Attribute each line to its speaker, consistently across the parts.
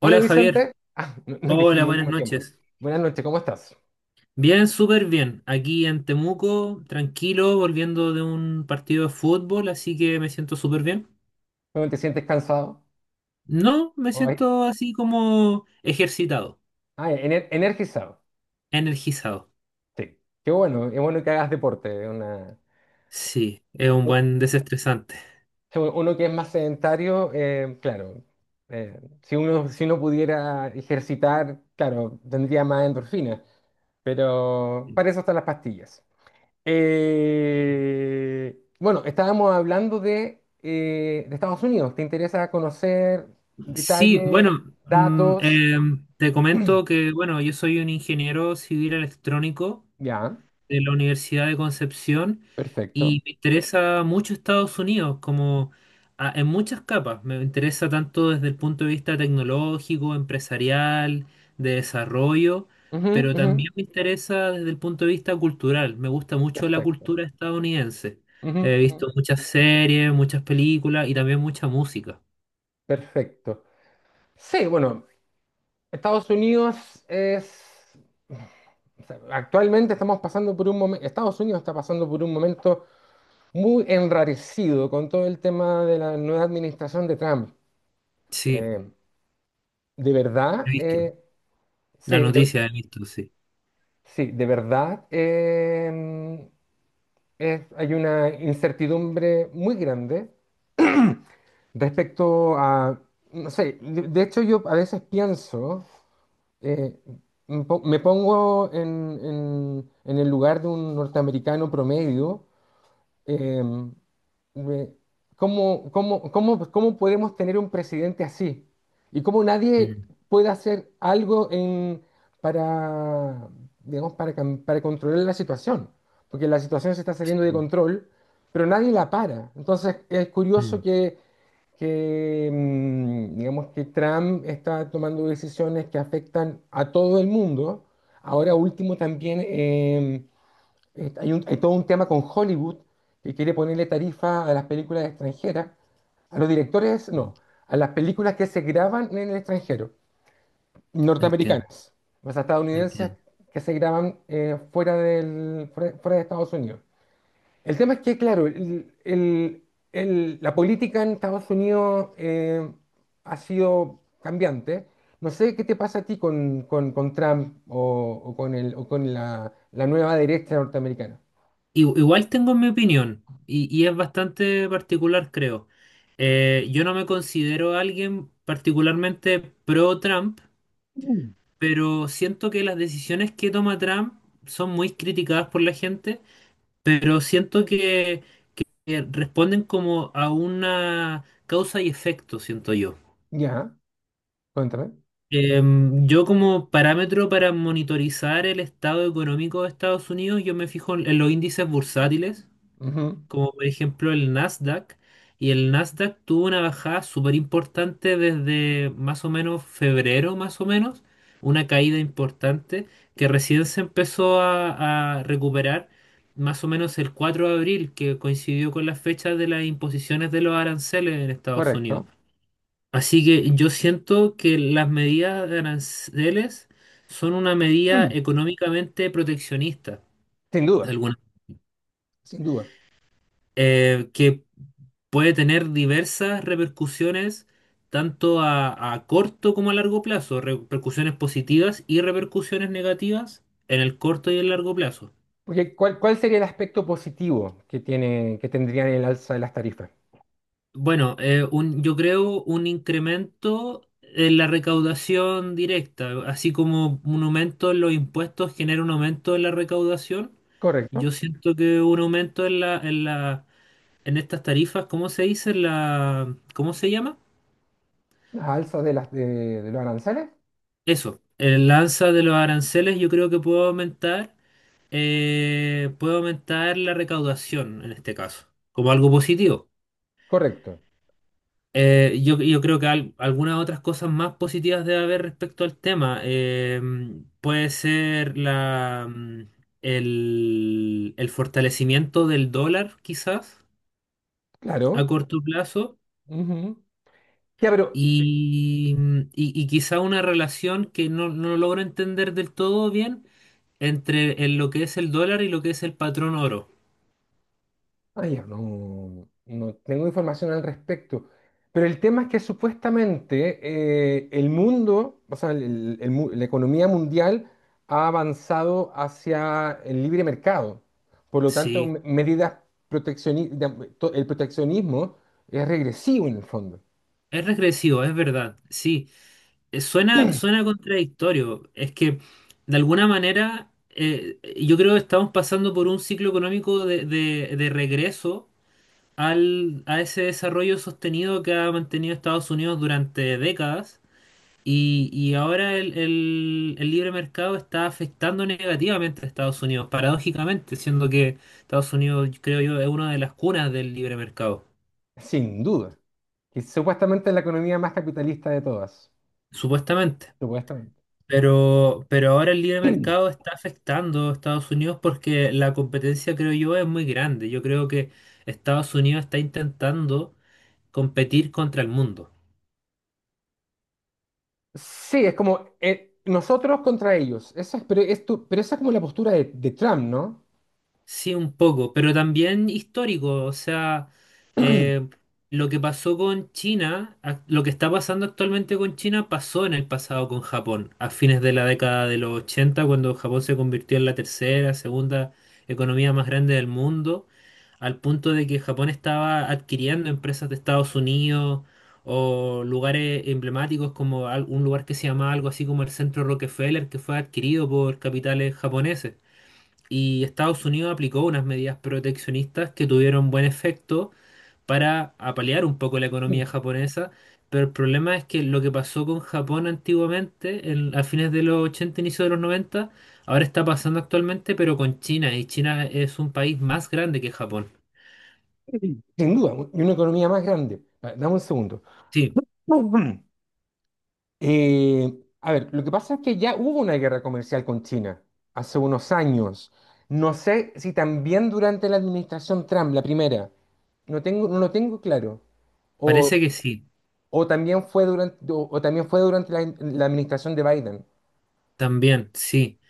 Speaker 1: Hola
Speaker 2: Hola Javier,
Speaker 1: Vicente. Nos
Speaker 2: hola,
Speaker 1: dijimos al
Speaker 2: buenas
Speaker 1: mismo tiempo.
Speaker 2: noches.
Speaker 1: Buenas noches, ¿cómo estás?
Speaker 2: Bien, súper bien. Aquí en Temuco, tranquilo, volviendo de un partido de fútbol, así que me siento súper bien.
Speaker 1: ¿Cómo te sientes cansado?
Speaker 2: No, me
Speaker 1: Ay,
Speaker 2: siento así como ejercitado,
Speaker 1: Energizado.
Speaker 2: energizado.
Speaker 1: Sí, qué bueno, es bueno que hagas deporte.
Speaker 2: Sí, es un buen desestresante.
Speaker 1: Uno que es más sedentario, claro, si uno pudiera ejercitar, claro, tendría más endorfinas, pero para eso están las pastillas. Bueno, estábamos hablando de Estados Unidos. ¿Te interesa conocer
Speaker 2: Sí,
Speaker 1: detalles,
Speaker 2: bueno,
Speaker 1: datos?
Speaker 2: te comento que, bueno, yo soy un ingeniero civil electrónico
Speaker 1: Ya,
Speaker 2: de la Universidad de Concepción
Speaker 1: perfecto.
Speaker 2: y me interesa mucho Estados Unidos, como en muchas capas. Me interesa tanto desde el punto de vista tecnológico, empresarial, de desarrollo,
Speaker 1: Ujú,
Speaker 2: pero
Speaker 1: ujú.
Speaker 2: también me interesa desde el punto de vista cultural. Me gusta mucho la
Speaker 1: Perfecto.
Speaker 2: cultura estadounidense.
Speaker 1: Ujú,
Speaker 2: He
Speaker 1: ujú.
Speaker 2: visto muchas series, muchas películas y también mucha música.
Speaker 1: Perfecto. Sí, bueno, Estados Unidos es... O sea, actualmente estamos pasando por un momento, Estados Unidos está pasando por un momento muy enrarecido con todo el tema de la nueva administración de Trump.
Speaker 2: Sí,
Speaker 1: Eh, de
Speaker 2: he
Speaker 1: verdad,
Speaker 2: visto.
Speaker 1: sí,
Speaker 2: La noticia
Speaker 1: de,
Speaker 2: he visto, sí.
Speaker 1: Sí, de verdad, em, hay una incertidumbre muy grande respecto a, no sé, de hecho yo a veces pienso, eh, me pongo en el lugar de un norteamericano promedio. em, me- cómo podemos tener un presidente así? Y cómo nadie
Speaker 2: Mm,
Speaker 1: puede hacer algo para, digamos, para controlar la situación, porque la situación se está saliendo de
Speaker 2: sí.
Speaker 1: control, pero nadie la para. Entonces es curioso
Speaker 2: Mm,
Speaker 1: que digamos, que Trump está tomando decisiones que afectan a todo el mundo. Ahora último también, hay todo un tema con Hollywood que quiere ponerle tarifa a las películas extranjeras, a los directores,
Speaker 2: mm.
Speaker 1: no, a las películas que se graban en el extranjero,
Speaker 2: Entiendo,
Speaker 1: norteamericanas, o sea, estadounidenses
Speaker 2: entiendo.
Speaker 1: que se graban fuera fuera de Estados Unidos. El tema es que, claro, la política en Estados Unidos ha sido cambiante. No sé qué te pasa a ti con Trump, o con el, o con la nueva derecha norteamericana.
Speaker 2: Igual tengo mi opinión y es bastante particular, creo. Yo no me considero alguien particularmente pro Trump, pero siento que las decisiones que toma Trump son muy criticadas por la gente, pero siento que responden como a una causa y efecto, siento yo.
Speaker 1: Ya, cuéntame.
Speaker 2: Yo como parámetro para monitorizar el estado económico de Estados Unidos, yo me fijo en los índices bursátiles
Speaker 1: Ujú.
Speaker 2: como por ejemplo el Nasdaq, y el Nasdaq tuvo una bajada súper importante desde más o menos febrero, más o menos, una caída importante que recién se empezó a recuperar más o menos el 4 de abril, que coincidió con la fecha de las imposiciones de los aranceles en Estados Unidos.
Speaker 1: Correcto.
Speaker 2: Así que yo siento que las medidas de aranceles son una medida
Speaker 1: Mm.
Speaker 2: económicamente proteccionista,
Speaker 1: Sin
Speaker 2: de
Speaker 1: duda,
Speaker 2: alguna
Speaker 1: sin duda.
Speaker 2: que puede tener diversas repercusiones, tanto a corto como a largo plazo, repercusiones positivas y repercusiones negativas en el corto y el largo plazo.
Speaker 1: Porque cuál sería el aspecto positivo que tiene, que tendrían el alza de las tarifas?
Speaker 2: Bueno, yo creo un incremento en la recaudación directa, así como un aumento en los impuestos genera un aumento en la recaudación. Yo
Speaker 1: Correcto.
Speaker 2: siento que un aumento en estas tarifas, ¿cómo se dice? La, ¿cómo se llama?
Speaker 1: Las alzas de las de los aranceles.
Speaker 2: Eso, el alza de los aranceles yo creo que puede aumentar la recaudación en este caso, como algo positivo.
Speaker 1: Correcto.
Speaker 2: Yo creo que algunas otras cosas más positivas debe haber respecto al tema. Puede ser el fortalecimiento del dólar, quizás, a
Speaker 1: Claro.
Speaker 2: corto plazo,
Speaker 1: Ujú. Ya, pero...
Speaker 2: y quizá una relación que no logro entender del todo bien entre en lo que es el dólar y lo que es el patrón oro.
Speaker 1: Ay, yo no, no tengo información al respecto. Pero el tema es que supuestamente el mundo, o sea, la economía mundial ha avanzado hacia el libre mercado. Por lo tanto,
Speaker 2: Sí,
Speaker 1: medidas proteccionistas, el proteccionismo es regresivo en el fondo,
Speaker 2: es regresivo, es verdad. Sí, suena contradictorio. Es que de alguna manera yo creo que estamos pasando por un ciclo económico de regreso a ese desarrollo sostenido que ha mantenido Estados Unidos durante décadas. Y ahora el libre mercado está afectando negativamente a Estados Unidos, paradójicamente, siendo que Estados Unidos, creo yo, es una de las cunas del libre mercado,
Speaker 1: sin duda. Que supuestamente es la economía más capitalista de todas,
Speaker 2: supuestamente.
Speaker 1: supuestamente.
Speaker 2: Pero ahora el libre mercado está afectando a Estados Unidos porque la competencia, creo yo, es muy grande. Yo creo que Estados Unidos está intentando competir contra el mundo.
Speaker 1: Sí, es como nosotros contra ellos. Esa es, pero, pero esa es como la postura de Trump, ¿no?
Speaker 2: Sí, un poco, pero también histórico, o sea, eh, lo que pasó con China, lo que está pasando actualmente con China pasó en el pasado con Japón, a fines de la década de los 80, cuando Japón se convirtió en la tercera, segunda economía más grande del mundo, al punto de que Japón estaba adquiriendo empresas de Estados Unidos o lugares emblemáticos como un lugar que se llamaba algo así como el Centro Rockefeller, que fue adquirido por capitales japoneses y Estados Unidos aplicó unas medidas proteccionistas que tuvieron buen efecto para apalear un poco la economía japonesa, pero el problema es que lo que pasó con Japón antiguamente, a fines de los 80, inicio de los 90, ahora está pasando actualmente, pero con China, y China es un país más grande que Japón.
Speaker 1: Sí, sin duda, y una economía más grande. A ver, dame un segundo.
Speaker 2: Sí,
Speaker 1: Ujú. A ver, lo que pasa es que ya hubo una guerra comercial con China hace unos años. No sé si también durante la administración Trump, la primera. No tengo, no lo tengo claro. O,
Speaker 2: parece que sí,
Speaker 1: o también fue durante la, la administración de Biden.
Speaker 2: también, sí.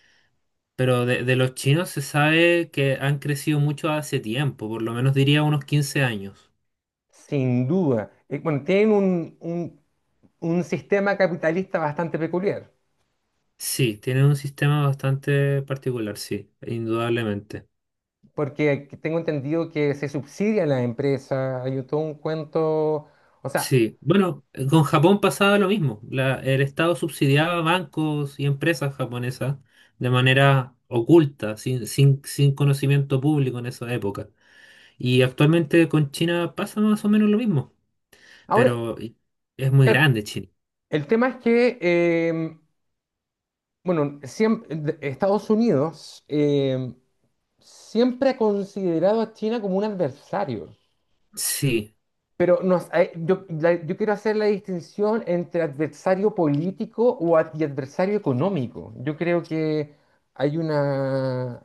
Speaker 2: Pero de los chinos se sabe que han crecido mucho hace tiempo, por lo menos diría unos 15 años.
Speaker 1: Sin duda. Bueno, tienen un sistema capitalista bastante peculiar.
Speaker 2: Sí, tiene un sistema bastante particular, sí, indudablemente.
Speaker 1: Porque tengo entendido que se subsidia la empresa, hay todo un cuento. O sea,
Speaker 2: Sí, bueno, con Japón pasaba lo mismo. El Estado subsidiaba bancos y empresas japonesas de manera oculta, sin conocimiento público en esa época. Y actualmente con China pasa más o menos lo mismo,
Speaker 1: ahora,
Speaker 2: pero es muy
Speaker 1: claro,
Speaker 2: grande China.
Speaker 1: el tema es que, bueno, Estados Unidos siempre ha considerado a China como un adversario.
Speaker 2: Sí,
Speaker 1: Yo, yo quiero hacer la distinción entre adversario político y adversario económico. Yo creo que hay una,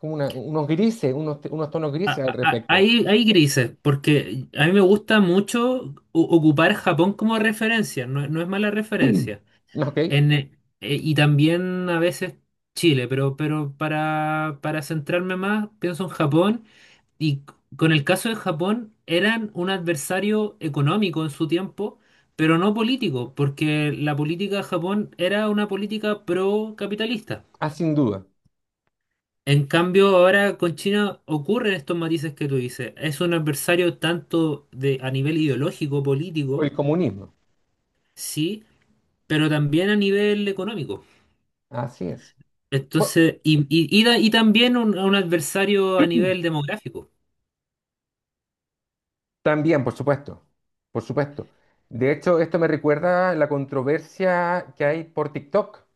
Speaker 1: como unos grises, unos, unos tonos grises al respecto.
Speaker 2: hay grises, porque a mí me gusta mucho ocupar Japón como referencia, no es mala referencia.
Speaker 1: ¿No? ¿Ok?
Speaker 2: En, eh, y también a veces Chile, pero, para centrarme más, pienso en Japón. Y con el caso de Japón, eran un adversario económico en su tiempo, pero no político, porque la política de Japón era una política pro-capitalista.
Speaker 1: Ah, sin duda,
Speaker 2: En cambio, ahora con China ocurren estos matices que tú dices. Es un adversario tanto a nivel ideológico,
Speaker 1: por
Speaker 2: político,
Speaker 1: el comunismo.
Speaker 2: sí, pero también a nivel económico.
Speaker 1: Así es. Bueno,
Speaker 2: Entonces, y también un adversario a nivel demográfico.
Speaker 1: también, por supuesto, por supuesto. De hecho, esto me recuerda la controversia que hay por TikTok.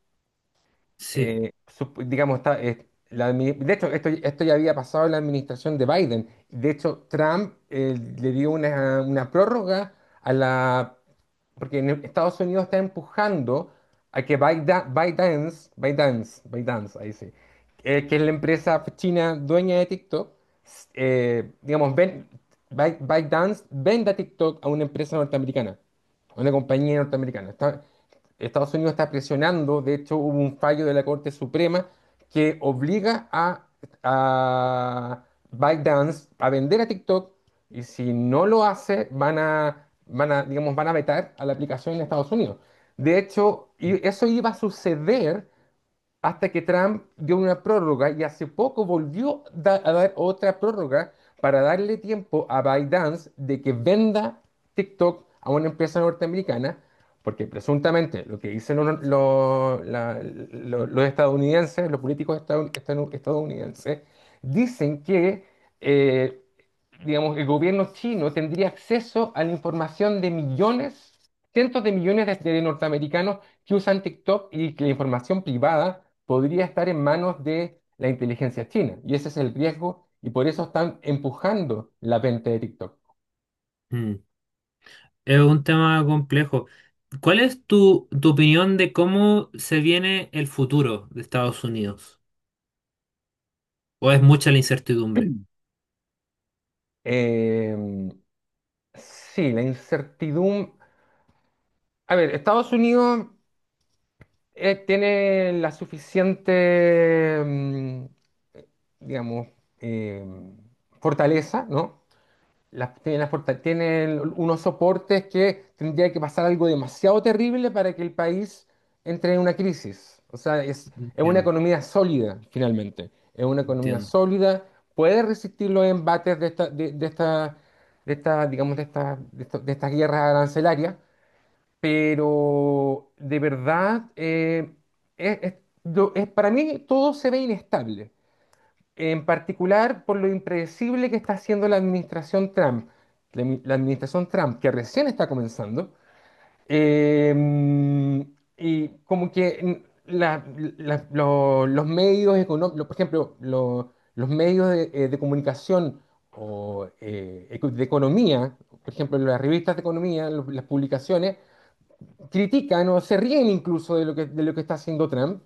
Speaker 2: Sí.
Speaker 1: Digamos, está, de hecho, esto ya había pasado en la administración de Biden. De hecho, Trump le dio una prórroga a la... Porque en Estados Unidos está empujando a que ByteDance, ahí sí, que es la empresa china dueña de TikTok, digamos, ByteDance venda TikTok a una empresa norteamericana, a una compañía norteamericana. Estados Unidos está presionando, de hecho hubo un fallo de la Corte Suprema que obliga a ByteDance a vender a TikTok, y si no lo hace, digamos, van a vetar a la aplicación en Estados Unidos. De hecho, y eso iba a suceder hasta que Trump dio una prórroga y hace poco volvió a dar otra prórroga para darle tiempo a ByteDance de que venda TikTok a una empresa norteamericana, porque presuntamente lo que dicen los estadounidenses, los políticos estadounidenses, dicen que eh, digamos, el gobierno chino tendría acceso a la información de millones, cientos de millones de norteamericanos que usan TikTok, y que la información privada podría estar en manos de la inteligencia china. Y ese es el riesgo y por eso están empujando la venta de TikTok.
Speaker 2: Mm. Es un tema complejo. ¿Cuál es tu opinión de cómo se viene el futuro de Estados Unidos? ¿O es mucha la incertidumbre?
Speaker 1: Eh, sí, la incertidumbre. A ver, Estados Unidos tiene la suficiente, digamos, eh, fortaleza, ¿no? Las, tiene, las porta- Tiene unos soportes que tendría que pasar algo demasiado terrible para que el país entre en una crisis. O sea, es una
Speaker 2: Entiendo,
Speaker 1: economía sólida, finalmente. Es una economía
Speaker 2: entiendo.
Speaker 1: sólida, puede resistir los embates de esta, de esta, de esta, digamos, de estas guerras arancelarias, pero de verdad, es, es- para mí todo se ve inestable. En particular por lo impredecible que está haciendo la administración Trump, la administración Trump que recién está comenzando, eh, y como que mm, la- la- lo- los medios económicos, por ejemplo, los medios de comunicación, o de economía, por ejemplo, las revistas de economía, las publicaciones, critican o se ríen incluso de lo que está haciendo Trump.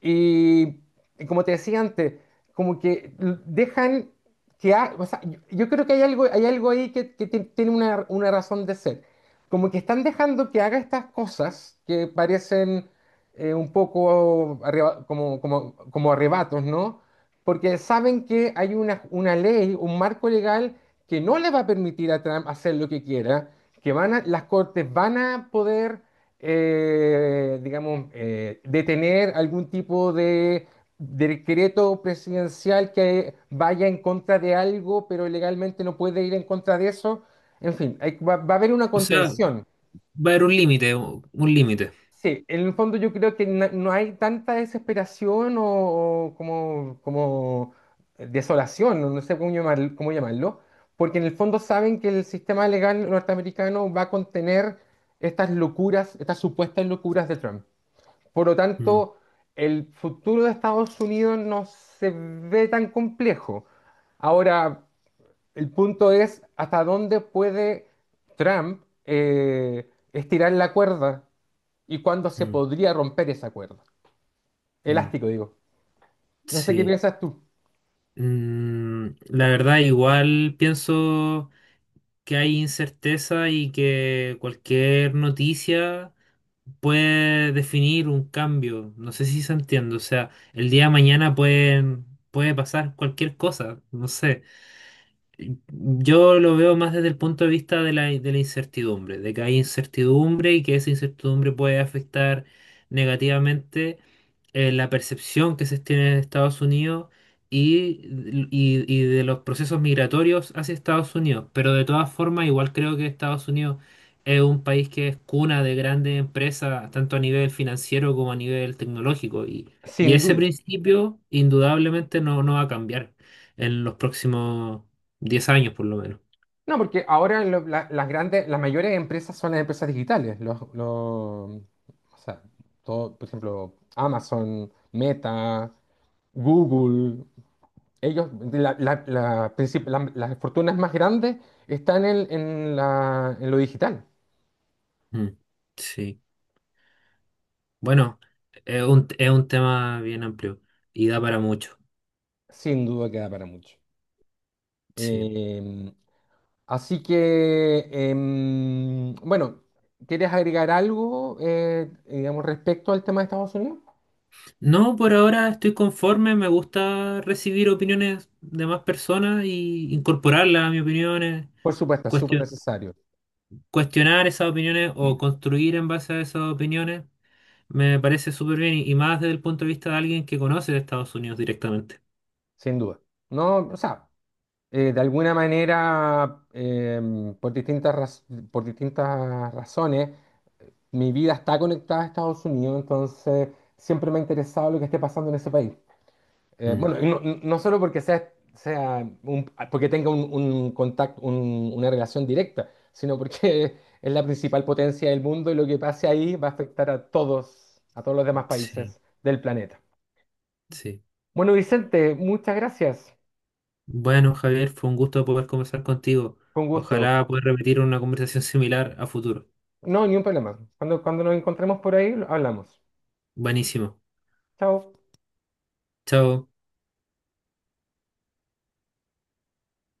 Speaker 1: Y, y como te decía antes, como que dejan que... O sea, yo creo que hay algo ahí que tiene una razón de ser. Como que están dejando que haga estas cosas que parecen un poco como arrebatos, ¿no? Porque saben que hay una ley, un marco legal que no le va a permitir a Trump hacer lo que quiera, que las cortes van a poder digamos, detener algún tipo de decreto presidencial que vaya en contra de algo, pero legalmente no puede ir en contra de eso. En fin, va a haber una
Speaker 2: O sea,
Speaker 1: contención.
Speaker 2: va a haber un límite, un límite.
Speaker 1: Sí, en el fondo yo creo que no hay tanta desesperación, o como, como desolación, no no sé cómo llamarlo, porque en el fondo saben que el sistema legal norteamericano va a contener estas locuras, estas supuestas locuras de Trump. Por lo
Speaker 2: Mm,
Speaker 1: tanto, el futuro de Estados Unidos no se ve tan complejo. Ahora, el punto es hasta dónde puede Trump estirar la cuerda y cuándo se
Speaker 2: mm,
Speaker 1: podría romper esa cuerda.
Speaker 2: mm.
Speaker 1: Elástico, digo. No sé qué
Speaker 2: Sí.
Speaker 1: piensas tú.
Speaker 2: Mm, la verdad, igual pienso que hay incerteza y que cualquier noticia puede definir un cambio. No sé si se entiende. O sea, el día de mañana puede pasar cualquier cosa. No sé. Yo lo veo más desde el punto de vista de la incertidumbre, de que hay incertidumbre y que esa incertidumbre puede afectar negativamente la percepción que se tiene de Estados Unidos y, y de los procesos migratorios hacia Estados Unidos. Pero de todas formas, igual creo que Estados Unidos es un país que es cuna de grandes empresas, tanto a nivel financiero como a nivel tecnológico. Y
Speaker 1: Sin
Speaker 2: ese
Speaker 1: duda.
Speaker 2: principio indudablemente no va a cambiar en los próximos 10 años por lo menos.
Speaker 1: No, porque ahora las grandes, las mayores empresas son las empresas digitales. O sea, todo, por ejemplo, Amazon, Meta, Google. Ellos, las fortunas más grandes están en, en lo digital.
Speaker 2: Mm, sí. Bueno, es un tema bien amplio y da para mucho.
Speaker 1: Sin duda queda para mucho.
Speaker 2: Sí.
Speaker 1: Em, Así que, bueno, ¿quieres agregar algo, digamos, respecto al tema de Estados Unidos?
Speaker 2: No, por ahora estoy conforme. Me gusta recibir opiniones de más personas y incorporarlas a mis opiniones,
Speaker 1: Por supuesto, es súper
Speaker 2: cuestio-
Speaker 1: necesario,
Speaker 2: cuestionar esas opiniones o construir en base a esas opiniones. Me parece súper bien y más desde el punto de vista de alguien que conoce de Estados Unidos directamente.
Speaker 1: sin duda. No, o sea, de alguna manera, por por distintas razones, mi vida está conectada a Estados Unidos, entonces siempre me ha interesado lo que esté pasando en ese país.
Speaker 2: Mm,
Speaker 1: Bueno, y no, no no solo porque sea, porque tenga un contacto, una relación directa, sino porque es la principal potencia del mundo y lo que pase ahí va a afectar a todos los demás
Speaker 2: sí,
Speaker 1: países del planeta.
Speaker 2: sí.
Speaker 1: Bueno, Vicente, muchas gracias.
Speaker 2: Bueno, Javier, fue un gusto poder conversar contigo.
Speaker 1: Con gusto.
Speaker 2: Ojalá pueda repetir una conversación similar a futuro.
Speaker 1: No, ni un problema. Cuando nos encontremos por ahí, hablamos.
Speaker 2: Buenísimo.
Speaker 1: Chao.
Speaker 2: Chao.